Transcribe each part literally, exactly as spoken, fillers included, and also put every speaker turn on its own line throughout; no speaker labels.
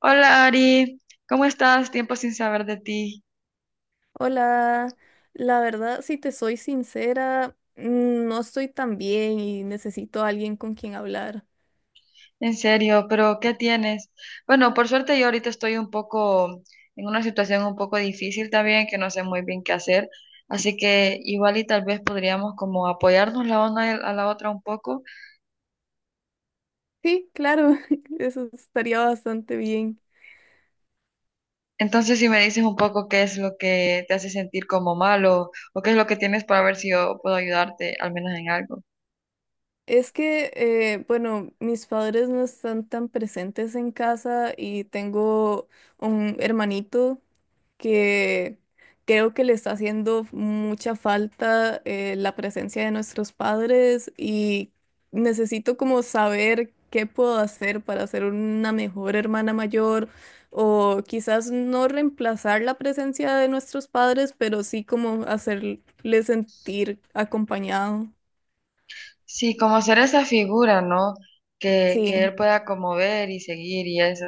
Hola Ari, ¿cómo estás? Tiempo sin saber de ti,
Hola, la verdad, si te soy sincera, mm, no estoy tan bien y necesito a alguien con quien hablar.
en serio, pero ¿qué tienes? Bueno, por suerte yo ahorita estoy un poco en una situación un poco difícil también, que no sé muy bien qué hacer, así que igual y tal vez podríamos como apoyarnos la una a la otra un poco.
Sí, claro, eso estaría bastante bien.
Entonces, si me dices un poco qué es lo que te hace sentir como malo o qué es lo que tienes para ver si yo puedo ayudarte al menos en algo.
Es que, eh, bueno, mis padres no están tan presentes en casa y tengo un hermanito que creo que le está haciendo mucha falta, eh, la presencia de nuestros padres, y necesito como saber qué puedo hacer para ser una mejor hermana mayor, o quizás no reemplazar la presencia de nuestros padres, pero sí como hacerle sentir acompañado.
Sí, como ser esa figura, ¿no? Que, que
Sí.
él pueda como ver y seguir y eso.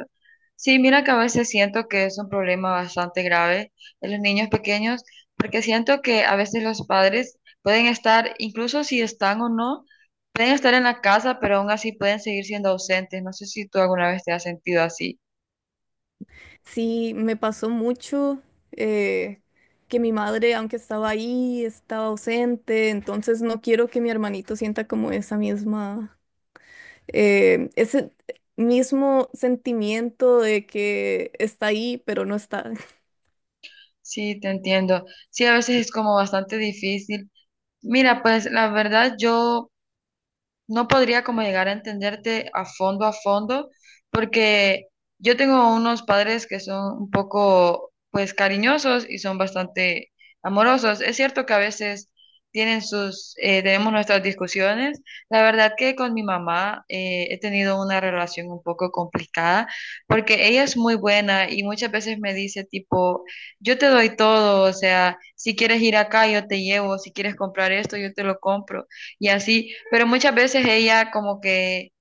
Sí, mira que a veces siento que es un problema bastante grave en los niños pequeños, porque siento que a veces los padres pueden estar, incluso si están o no, pueden estar en la casa, pero aún así pueden seguir siendo ausentes. No sé si tú alguna vez te has sentido así.
Sí, me pasó mucho, eh, que mi madre, aunque estaba ahí, estaba ausente. Entonces no quiero que mi hermanito sienta como esa misma, eh, ese mismo sentimiento de que está ahí, pero no está.
Sí, te entiendo. Sí, a veces es como bastante difícil. Mira, pues la verdad yo no podría como llegar a entenderte a fondo a fondo, porque yo tengo unos padres que son un poco, pues, cariñosos y son bastante amorosos. Es cierto que a veces tienen sus, eh, tenemos nuestras discusiones. La verdad que con mi mamá eh, he tenido una relación un poco complicada, porque ella es muy buena y muchas veces me dice tipo, yo te doy todo, o sea, si quieres ir acá, yo te llevo, si quieres comprar esto, yo te lo compro y así, pero muchas veces ella como que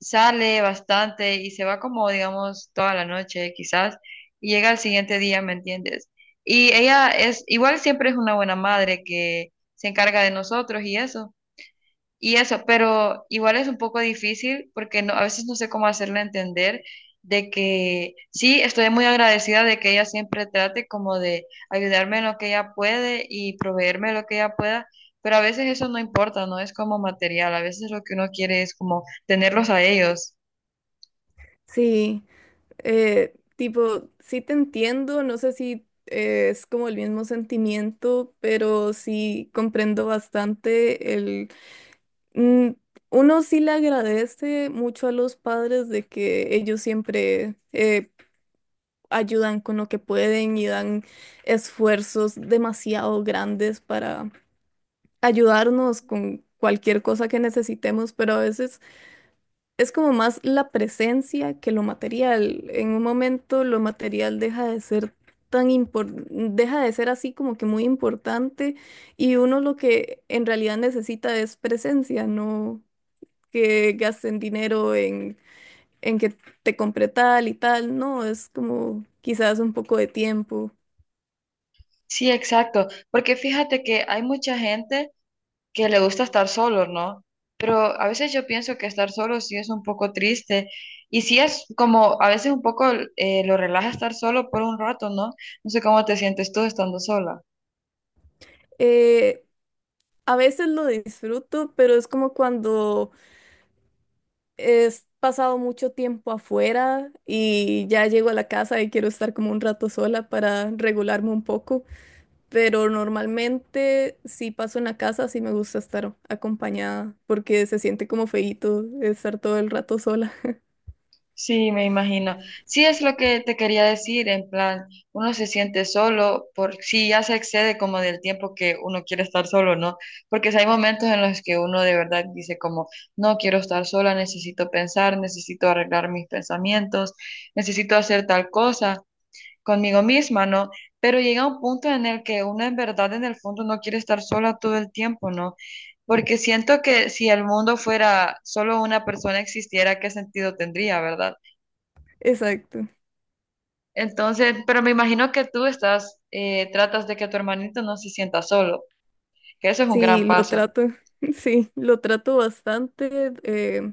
sale bastante y se va como, digamos, toda la noche quizás, y llega al siguiente día, ¿me entiendes? Y ella es, igual siempre es una buena madre que se encarga de nosotros y eso, y eso, pero igual es un poco difícil porque no, a veces no sé cómo hacerle entender de que sí, estoy muy agradecida de que ella siempre trate como de ayudarme en lo que ella puede y proveerme lo que ella pueda, pero a veces eso no importa, no es como material, a veces lo que uno quiere es como tenerlos a ellos.
Sí, eh, tipo, sí te entiendo, no sé si, eh, es como el mismo sentimiento, pero sí comprendo bastante. Mm, uno sí le agradece mucho a los padres de que ellos siempre, eh, ayudan con lo que pueden y dan esfuerzos demasiado grandes para ayudarnos con cualquier cosa que necesitemos, pero a veces es como más la presencia que lo material. En un momento lo material deja de ser tan impor- deja de ser así como que muy importante, y uno lo que en realidad necesita es presencia, no que gasten dinero en, en que te compre tal y tal. No, es como quizás un poco de tiempo.
Sí, exacto, porque fíjate que hay mucha gente que le gusta estar solo, ¿no? Pero a veces yo pienso que estar solo sí es un poco triste y sí es como a veces un poco eh, lo relaja estar solo por un rato, ¿no? No sé cómo te sientes tú estando sola.
Eh, a veces lo disfruto, pero es como cuando he pasado mucho tiempo afuera y ya llego a la casa y quiero estar como un rato sola para regularme un poco, pero normalmente si paso en la casa sí me gusta estar acompañada porque se siente como feíto estar todo el rato sola.
Sí, me imagino. Sí es lo que te quería decir, en plan, uno se siente solo por si ya se excede como del tiempo que uno quiere estar solo, ¿no? Porque si hay momentos en los que uno de verdad dice como, no quiero estar sola, necesito pensar, necesito arreglar mis pensamientos, necesito hacer tal cosa. Conmigo misma, ¿no? Pero llega un punto en el que uno en verdad en el fondo no quiere estar sola todo el tiempo, ¿no? Porque siento que si el mundo fuera solo una persona existiera, ¿qué sentido tendría, verdad?
Exacto.
Entonces, pero me imagino que tú estás, eh, tratas de que tu hermanito no se sienta solo, que eso es un
Sí,
gran
lo
paso.
trato, sí, lo trato bastante. eh,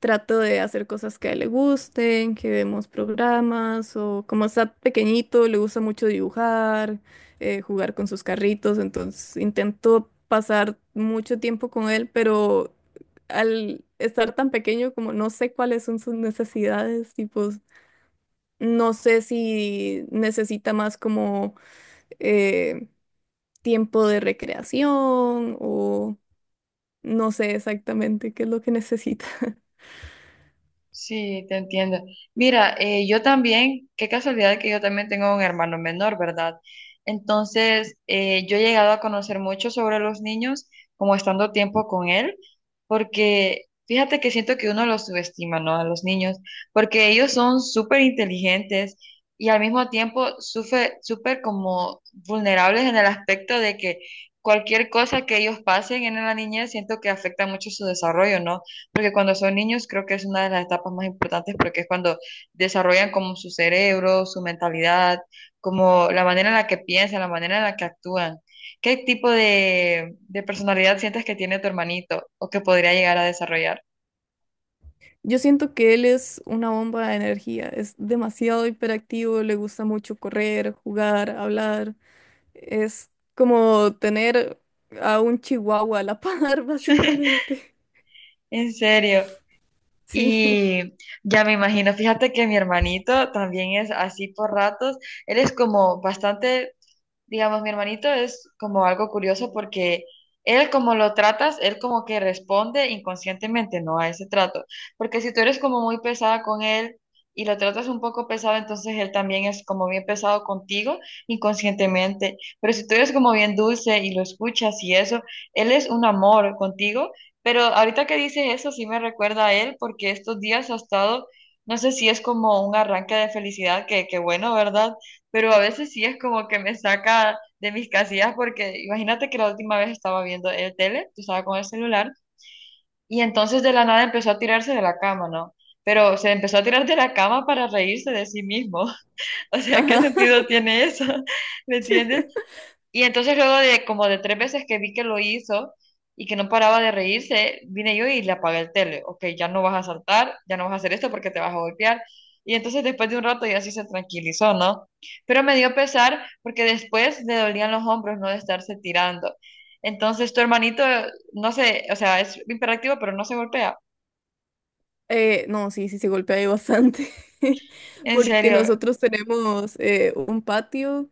Trato de hacer cosas que a él le gusten, que vemos programas, o como está pequeñito, le gusta mucho dibujar, eh, jugar con sus carritos. Entonces intento pasar mucho tiempo con él, pero al estar tan pequeño, como no sé cuáles son sus necesidades, tipo, no sé si necesita más como, eh, tiempo de recreación o... No sé exactamente qué es lo que necesita.
Sí, te entiendo. Mira, eh, yo también, qué casualidad que yo también tengo un hermano menor, ¿verdad? Entonces, eh, yo he llegado a conocer mucho sobre los niños, como estando tiempo con él, porque fíjate que siento que uno los subestima, ¿no? A los niños, porque ellos son súper inteligentes y al mismo tiempo sufre- súper como vulnerables en el aspecto de que cualquier cosa que ellos pasen en la niñez, siento que afecta mucho su desarrollo, ¿no? Porque cuando son niños creo que es una de las etapas más importantes porque es cuando desarrollan como su cerebro, su mentalidad, como la manera en la que piensan, la manera en la que actúan. ¿Qué tipo de, de personalidad sientes que tiene tu hermanito o que podría llegar a desarrollar?
Yo siento que él es una bomba de energía, es demasiado hiperactivo, le gusta mucho correr, jugar, hablar. Es como tener a un chihuahua a la par, básicamente.
En serio.
Sí,
Y ya me imagino, fíjate que mi hermanito también es así por ratos. Él es como bastante, digamos, mi hermanito es como algo curioso porque él como lo tratas, él como que responde inconscientemente, ¿no? A ese trato. Porque si tú eres como muy pesada con él y lo tratas un poco pesado, entonces él también es como bien pesado contigo inconscientemente. Pero si tú eres como bien dulce y lo escuchas y eso, él es un amor contigo. Pero ahorita que dices eso, sí me recuerda a él porque estos días ha estado, no sé si es como un arranque de felicidad, que, que bueno, ¿verdad? Pero a veces sí es como que me saca de mis casillas porque imagínate que la última vez estaba viendo el tele, tú estaba con el celular, y entonces de la nada empezó a tirarse de la cama, ¿no? Pero se empezó a tirar de la cama para reírse de sí mismo. O sea, ¿qué
ajá.
sentido tiene eso? ¿Me entiendes? Y entonces luego de como de tres veces que vi que lo hizo y que no paraba de reírse, vine yo y le apagué el tele. Ok, ya no vas a saltar, ya no vas a hacer esto porque te vas a golpear. Y entonces después de un rato ya sí se tranquilizó, ¿no? Pero me dio pesar porque después le dolían los hombros, ¿no? De estarse tirando. Entonces tu hermanito, no sé, o sea, es imperativo, pero no se golpea.
Eh, no, sí, sí, se golpea ahí bastante,
En
porque
serio.
nosotros tenemos, eh, un patio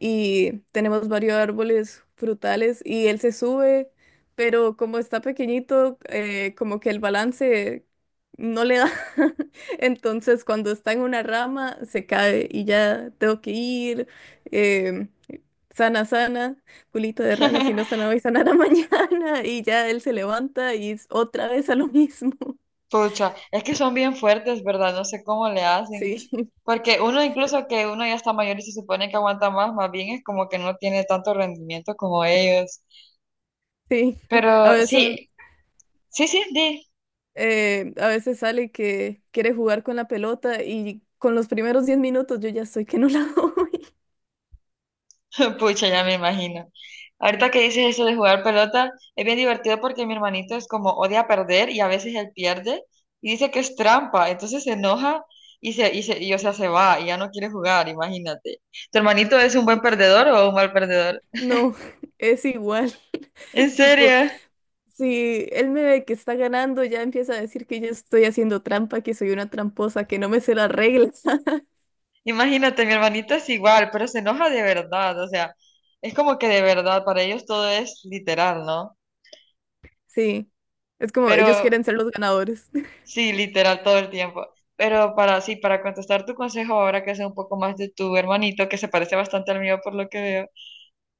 y tenemos varios árboles frutales y él se sube, pero como está pequeñito, eh, como que el balance no le da. Entonces cuando está en una rama se cae y ya tengo que ir. em, Sana, sana, culito de rana, si no sana hoy, sanará mañana. Y ya él se levanta y es otra vez a lo mismo.
Pucha, es que son bien fuertes, ¿verdad? No sé cómo le hacen.
Sí,
Porque uno incluso que uno ya está mayor y se supone que aguanta más, más bien es como que no tiene tanto rendimiento como ellos.
sí. A
Pero
veces,
sí, sí, sí, di.
eh, a veces sale que quiere jugar con la pelota y con los primeros diez minutos yo ya estoy que no la doy.
Pucha, ya me imagino. Ahorita que dices eso de jugar pelota, es bien divertido porque mi hermanito es como odia perder y a veces él pierde y dice que es trampa, entonces se enoja y se, y se, y, o sea, se va y ya no quiere jugar, imagínate. ¿Tu hermanito es un buen
Sí.
perdedor o un mal perdedor?
No, es igual.
¿En
Tipo,
serio?
si él me ve que está ganando, ya empieza a decir que yo estoy haciendo trampa, que soy una tramposa, que no me sé las reglas.
Imagínate, mi hermanito es igual, pero se enoja de verdad, o sea, es como que de verdad, para ellos todo es literal, ¿no?
Sí, es como ellos
Pero
quieren ser los ganadores.
sí, literal todo el tiempo. Pero para sí, para contestar tu consejo ahora que sé un poco más de tu hermanito, que se parece bastante al mío por lo que veo,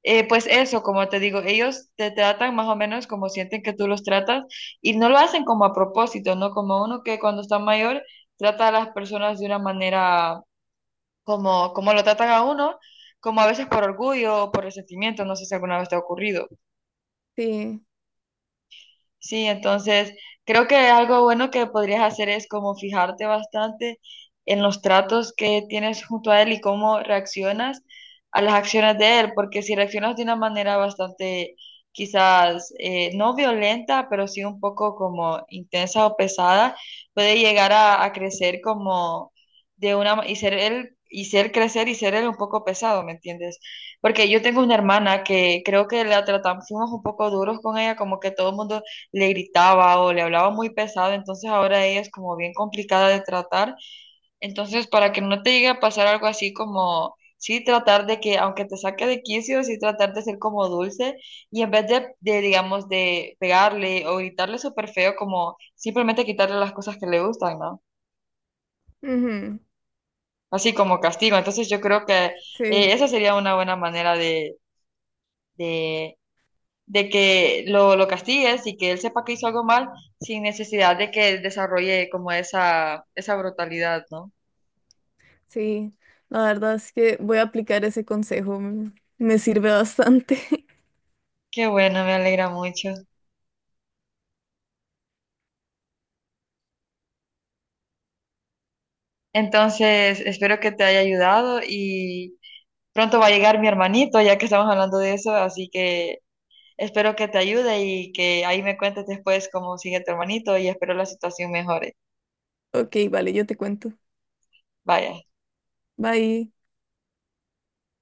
eh, pues eso, como te digo, ellos te tratan más o menos como sienten que tú los tratas y no lo hacen como a propósito, ¿no? Como uno que cuando está mayor trata a las personas de una manera como, como lo tratan a uno, como a veces por orgullo o por resentimiento, no sé si alguna vez te ha ocurrido.
Sí,
Sí, entonces creo que algo bueno que podrías hacer es como fijarte bastante en los tratos que tienes junto a él y cómo reaccionas a las acciones de él, porque si reaccionas de una manera bastante quizás eh, no violenta, pero sí un poco como intensa o pesada, puede llegar a, a crecer como de una ma- y ser él y ser crecer y ser él un poco pesado, ¿me entiendes? Porque yo tengo una hermana que creo que la tratamos, fuimos un poco duros con ella, como que todo el mundo le gritaba o le hablaba muy pesado, entonces ahora ella es como bien complicada de tratar. Entonces, para que no te llegue a pasar algo así como, sí, tratar de que, aunque te saque de quicio, sí, tratar de ser como dulce y en vez de, de, digamos, de pegarle o gritarle súper feo, como simplemente quitarle las cosas que le gustan, ¿no?
ujú,
Así como castigo. Entonces, yo creo que eh,
sí,
esa sería una buena manera de de de que lo, lo castigues y que él sepa que hizo algo mal sin necesidad de que él desarrolle como esa, esa brutalidad, ¿no?
sí. La verdad es que voy a aplicar ese consejo. Me me sirve bastante.
Qué bueno, me alegra mucho. Entonces, espero que te haya ayudado y pronto va a llegar mi hermanito, ya que estamos hablando de eso, así que espero que te ayude y que ahí me cuentes después cómo sigue tu hermanito y espero la situación mejore.
Ok, vale, yo te cuento.
Vaya.
Bye.